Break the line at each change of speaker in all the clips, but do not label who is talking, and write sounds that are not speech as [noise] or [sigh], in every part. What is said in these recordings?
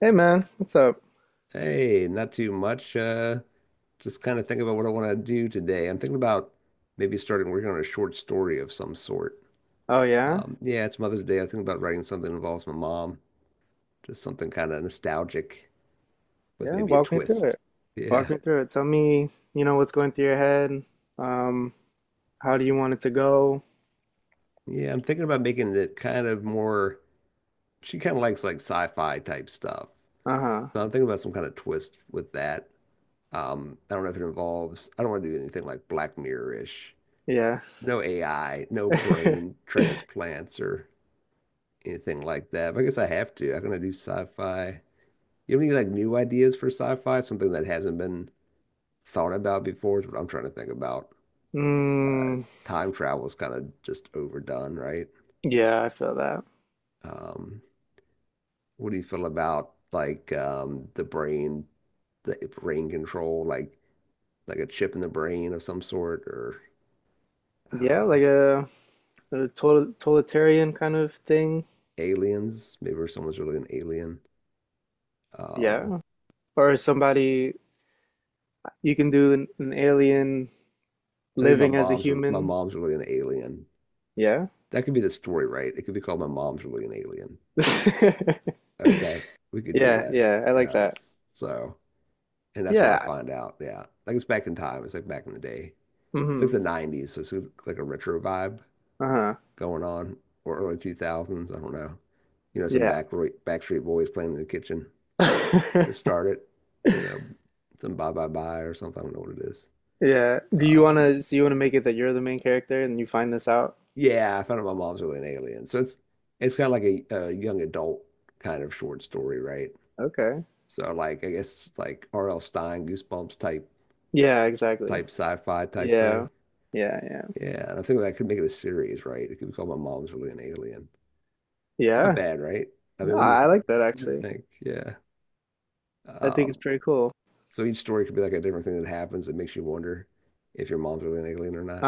Hey man, what's up?
Hey, not too much. Just kind of thinking about what I want to do today. I'm thinking about maybe starting working on a short story of some sort.
Oh yeah?
Yeah, it's Mother's Day. I think about writing something that involves my mom, just something kind of nostalgic with
Yeah,
maybe a
walk me through
twist.
it. Walk
Yeah.
me through it. Tell me, what's going through your head. Um, how do you want it to go?
Yeah, I'm thinking about making it kind of more, she kind of likes like sci-fi type stuff.
Uh-huh.
So I'm thinking about some kind of twist with that. I don't know if it involves, I don't want to do anything like Black Mirror-ish.
Yeah.
No AI, no brain
[laughs]
transplants or anything like that. But I guess I have to. I'm gonna do sci-fi. You have any like new ideas for sci-fi? Something that hasn't been thought about before is what I'm trying to think about. Uh,
Mm,
Time travel is kind of just overdone, right?
yeah, I feel that.
Um, what do you feel about like the brain control, like a chip in the brain of some sort, or
Yeah, like
um,
a total, totalitarian kind of thing.
aliens? Maybe if someone's really an alien. Um,
Yeah. Or somebody you can do an alien
I think my
living as a
mom's re- my
human.
mom's really an alien.
Yeah.
That could be the story, right? It could be called My Mom's Really an Alien.
[laughs]
Okay, we could do
Yeah,
that.
yeah, I like that.
Yes. So, and that's what I
Yeah.
find out. Yeah. Like it's back in time. It's like back in the day. It's like
Mm-hmm.
the 90s. So it's like a retro vibe
Uh-huh.
going on, or early 2000s. I don't know. You know, some
Yeah.
Backstreet Boys playing in the kitchen to
[laughs]
start it. You know, some Bye Bye Bye or something. I don't know what it is.
Yeah. Do you
Um,
wanna so you wanna make it that you're the main character and you find this out?
yeah, I found out my mom's really an alien. So it's kind of like a young adult kind of short story, right?
Okay.
So like I guess like R.L. Stein, Goosebumps type
Yeah, exactly.
type sci-fi type thing.
Yeah. Yeah, yeah.
Yeah, and I think that could make it a series, right? It could be called My Mom's Really an Alien. It's not
Yeah.
bad, right? I
No,
mean, what do you
I like
think?
that
What do you
actually.
think? Yeah.
I think
Um,
it's pretty cool.
so each story could be like a different thing that happens that makes you wonder if your mom's really an alien or not.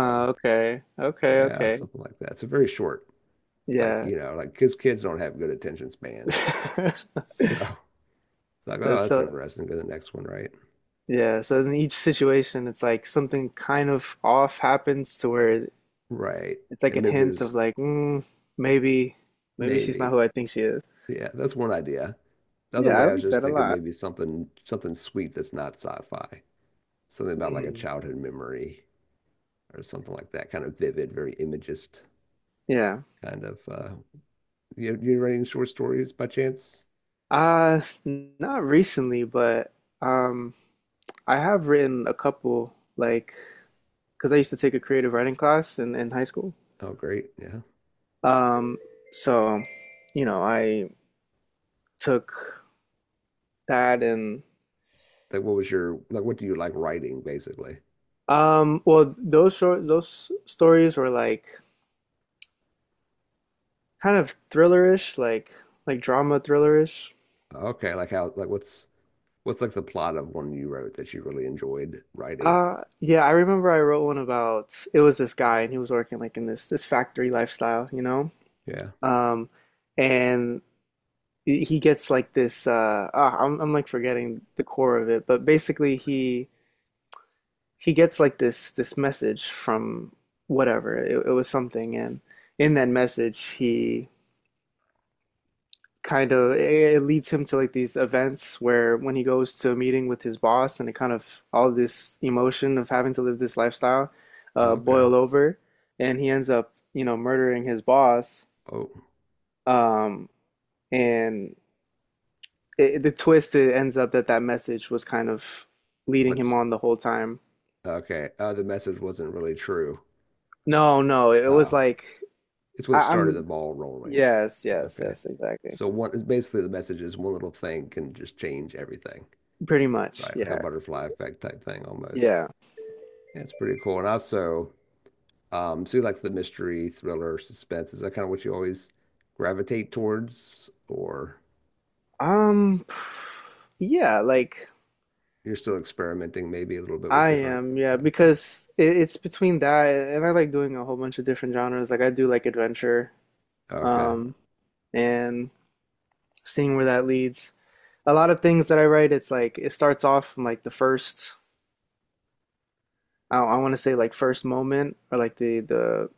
So
okay. Okay,
yeah,
okay.
something like that. So very short. Like,
Yeah.
you know, like kids don't have good attention spans.
[laughs] That's.
So [laughs] like, oh, that's
So,
interesting. Go to the next one, right?
yeah, so in each situation it's like something kind of off happens to where
Right.
it's like
And
a
maybe
hint
there's
of like, maybe maybe she's not
maybe
who I think she is.
Yeah, that's one idea. The other
Yeah, I
way I was
like
just
that a
thinking
lot.
maybe something sweet that's not sci-fi. Something about like a
Mm.
childhood memory or something like that, kind of vivid, very imagist
Yeah.
kind of, you writing short stories by chance?
Not recently, but um, I have written a couple, like, because I used to take a creative writing class in high school.
Oh, great. Yeah.
Um, so, you know, I took that and
Like what do you like writing basically?
well, those stories were like kind of thrillerish, like drama thrillerish.
Okay, like how, like what's like the plot of one you wrote that you really enjoyed writing?
Yeah, I remember I wrote one about, it was this guy and he was working like in this factory lifestyle, you know,
Yeah.
um, and he gets like this I'm like forgetting the core of it, but basically he gets like this message from whatever. It was something, and in that message he kind of, it leads him to like these events where when he goes to a meeting with his boss, and it kind of, all this emotion of having to live this lifestyle
Okay.
boil over, and he ends up, you know, murdering his boss.
Oh,
Um and the twist, it ends up that that message was kind of leading him
what's
on the whole time.
okay. Oh, the message wasn't really true.
No, no, it was
Oh,
like,
it's
I,
what started the
I'm
ball rolling.
yes, yes,
Okay.
yes, exactly.
So one is basically the message is one little thing can just change everything,
Pretty much.
right? Like a
Yeah.
butterfly effect type thing almost.
Yeah.
Yeah, it's pretty cool. And also, so you like the mystery, thriller, suspense, is that kind of what you always gravitate towards, or
Um yeah, like,
you're still experimenting maybe a little bit with
I
different?
am, yeah,
Okay.
because it's between that and I like doing a whole bunch of different genres. Like I do like adventure,
Okay.
um, and seeing where that leads. A lot of things that I write, it's like it starts off from like the first, I want to say like first moment or like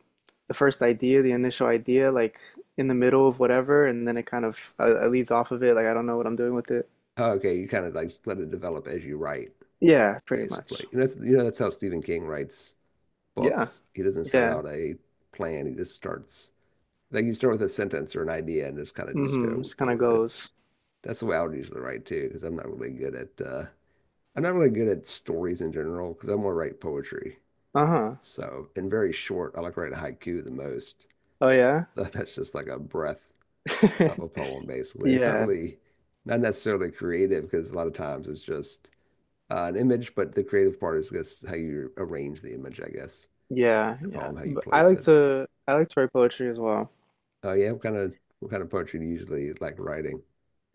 the first idea, the initial idea, like in the middle of whatever, and then it kind of, it leads off of it. Like I don't know what I'm doing with it.
Okay. You kind of like let it develop as you write,
Yeah, pretty much.
basically. And that's how Stephen King writes
Yeah,
books. He doesn't set
yeah.
out a plan, he just starts. Like you start with a sentence or an idea and just kind of just
Mm-hmm.
go
Just
go
kind of
with it.
goes.
That's the way I would usually write too, because I'm not really good at stories in general because I want to write poetry.
Uh-huh.
So and very short. I like to write a haiku the most. [laughs]
Oh yeah.
So that's just like a breath of a poem
[laughs]
basically. And it's
Yeah,
not necessarily creative because a lot of times it's just an image, but the creative part is just how you arrange the image, I guess.
yeah,
The
yeah.
poem, how you
But
place it.
I like to write poetry as well.
Oh yeah, what kind of poetry do you usually like writing?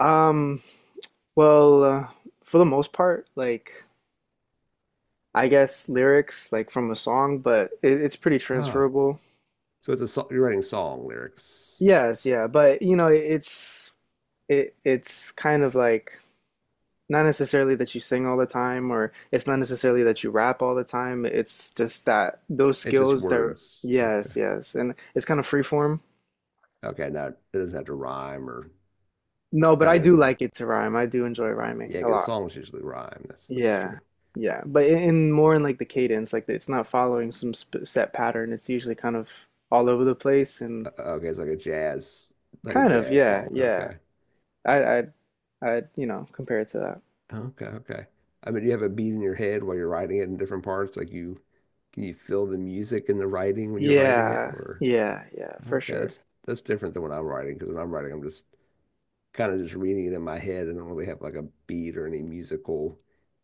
Um, well, uh, for the most part, like, I guess lyrics like from a song, but it's pretty
Ah,
transferable.
You're writing song lyrics.
Yes, yeah, but you know, it it's kind of like, not necessarily that you sing all the time, or it's not necessarily that you rap all the time. It's just that those
It's just
skills that,
words. Okay.
yes, yes. And it's kind of free form.
Okay. Now it doesn't have to rhyme, or
No, but
kind
I
of has a
do
rhyme.
like it to rhyme. I do enjoy rhyming
Yeah,
a
because
lot.
songs usually rhyme. That's true.
Yeah. Yeah. But in more in like the cadence, like it's not following some sp set pattern. It's usually kind of all over the place and
Okay, it's like a
kind of,
jazz
yeah,
song.
yeah.
Okay.
I I I You know, compare it to that.
Okay. Okay. I mean, do you have a beat in your head while you're writing it in different parts? Can you feel the music in the writing when you're writing it?
Yeah.
Or
Yeah, yeah, for
okay,
sure.
that's different than when I'm writing, because when I'm writing, I'm just kind of just reading it in my head. I don't really have like a beat or any musical,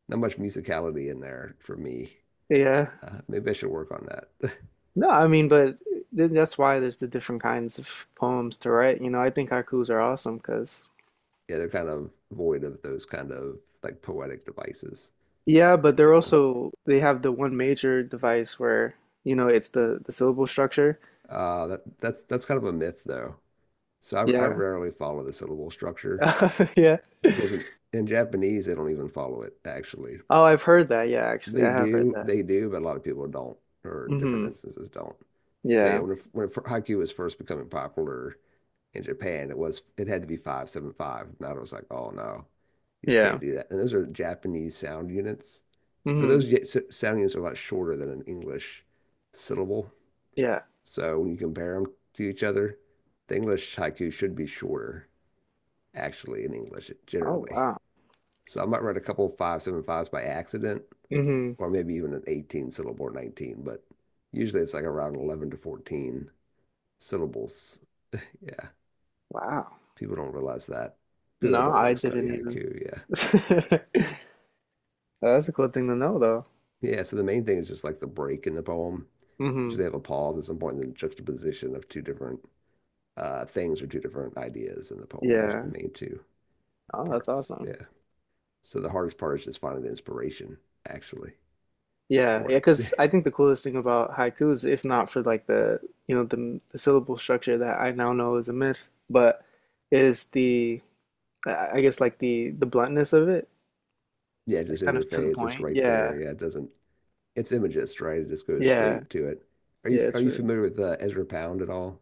not much musicality in there for me.
Yeah.
Maybe I should work on that. [laughs]
No, I mean, but th that's why there's the different kinds of poems to write. You know, I think haikus are awesome because,
Yeah, they're kind of void of those kind of like poetic devices
yeah, but
in
they're
general.
also, they have the one major device where, you know, it's the syllable structure.
That's kind of a myth though. So I
Yeah.
rarely follow the syllable structure
[laughs] Yeah.
because in Japanese they don't even follow it actually.
Oh, I've heard that. Yeah, actually, I have heard that.
They do, but a lot of people don't, or in different
Hmm.
instances don't. So yeah,
Yeah.
haiku was first becoming popular in Japan, it had to be 575. And I was like, oh no, you just can't
Yeah.
do that. And those are Japanese sound units. So
Hmm.
those sound units are a lot shorter than an English syllable.
Yeah.
So when you compare them to each other, the English haiku should be shorter, actually, in English
Oh,
generally.
wow.
So I might write a couple of five seven fives by accident,
Hmm.
or maybe even an 18 syllable or 19, but usually it's like around 11 to 14 syllables. Yeah.
Wow.
People don't realize that. People that
No,
don't
I
like study
didn't even.
haiku, yeah.
[laughs] That's a cool thing to know, though.
Yeah, so the main thing is just like the break in the poem.
Hmm.
Usually have a pause at some point and then juxtaposition of two different things, or two different ideas in the poem. Those are the
Yeah.
main two
Oh, that's
parts.
awesome.
Yeah. So the hardest part is just finding the inspiration actually
Yeah,
for
yeah,
it. [laughs]
because I think the coolest thing about haikus, if not for like the, you know, the syllable structure that I now know is a myth, but is the, I guess like the bluntness of it.
Yeah,
It's
just in
kind
your
of to the
face. It's
point.
right there.
Yeah,
Yeah, it doesn't. It's imagist, right? It just goes
yeah,
straight to it. Are you
yeah. It's
are you
for
familiar with Ezra Pound at all?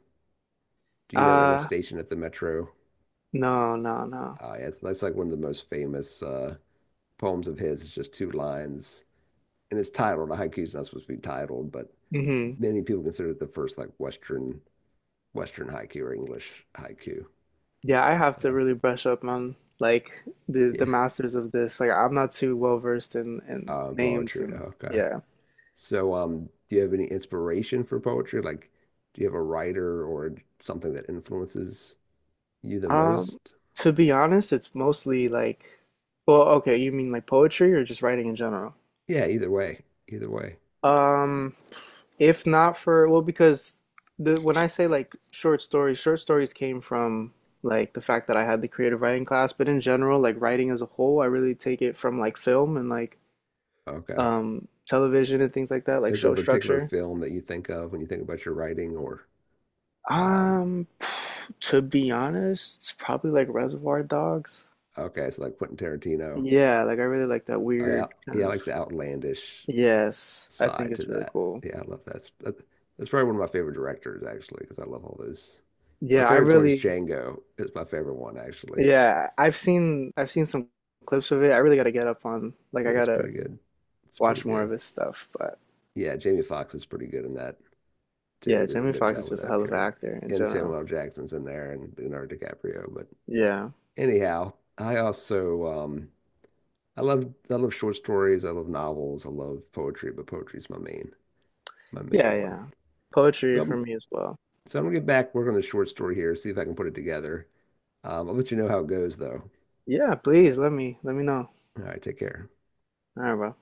Do you know In a
uh
Station at the Metro?
no, no, no.
Yeah, it's that's like one of the most famous poems of his. It's just two lines, and it's titled. A haiku is not supposed to be titled, but
Hmm.
many people consider it the first like Western haiku or English haiku.
Yeah, I have to
So
really brush up on like the
yeah,
masters of this. Like I'm not too well versed in names
poetry.
and
Okay.
yeah.
So do you have any inspiration for poetry? Like, do you have a writer or something that influences you the
Um,
most?
to be honest, it's mostly like, well, okay, you mean like poetry or just writing in general?
Yeah, either way, either way.
Um, if not for, well, because the, when I say like short stories came from like the fact that I had the creative writing class, but in general, like writing as a whole, I really take it from like film and like
Okay.
television and things like that, like
Is there a
show
particular
structure.
film that you think of when you think about your writing, or um
Um, [sighs] to be honest, it's probably like Reservoir Dogs.
okay, it's like Quentin Tarantino.
Yeah, like I really like that weird
Yeah,
kind
I
of,
like the outlandish
yes, I
side
think
to
it's really
that.
cool.
Yeah, I love that. That's probably one of my favorite directors, actually, because I love all those. My
Yeah, I
favorite one's
really,
Django is my favorite one, actually.
yeah, I've seen some clips of it. I really gotta get up on like, I
Yeah, it's
gotta
pretty good. It's pretty
watch more
good.
of his stuff. But
Yeah, Jamie Foxx is pretty good in that too.
yeah,
Does a
Jamie
good
Foxx
job
is
with
just a
that
hell of an
character.
actor in
And
general.
Samuel L. Jackson's in there, and Leonardo DiCaprio. But
Yeah.
anyhow, I also I love short stories. I love novels. I love poetry, but poetry's my main
Yeah,
one.
yeah. Poetry
So
for
I'm
me as well.
So I'm gonna get back, work on the short story here, see if I can put it together. I'll let you know how it goes, though.
Yeah, please let me know.
All right, take care.
All right, bro.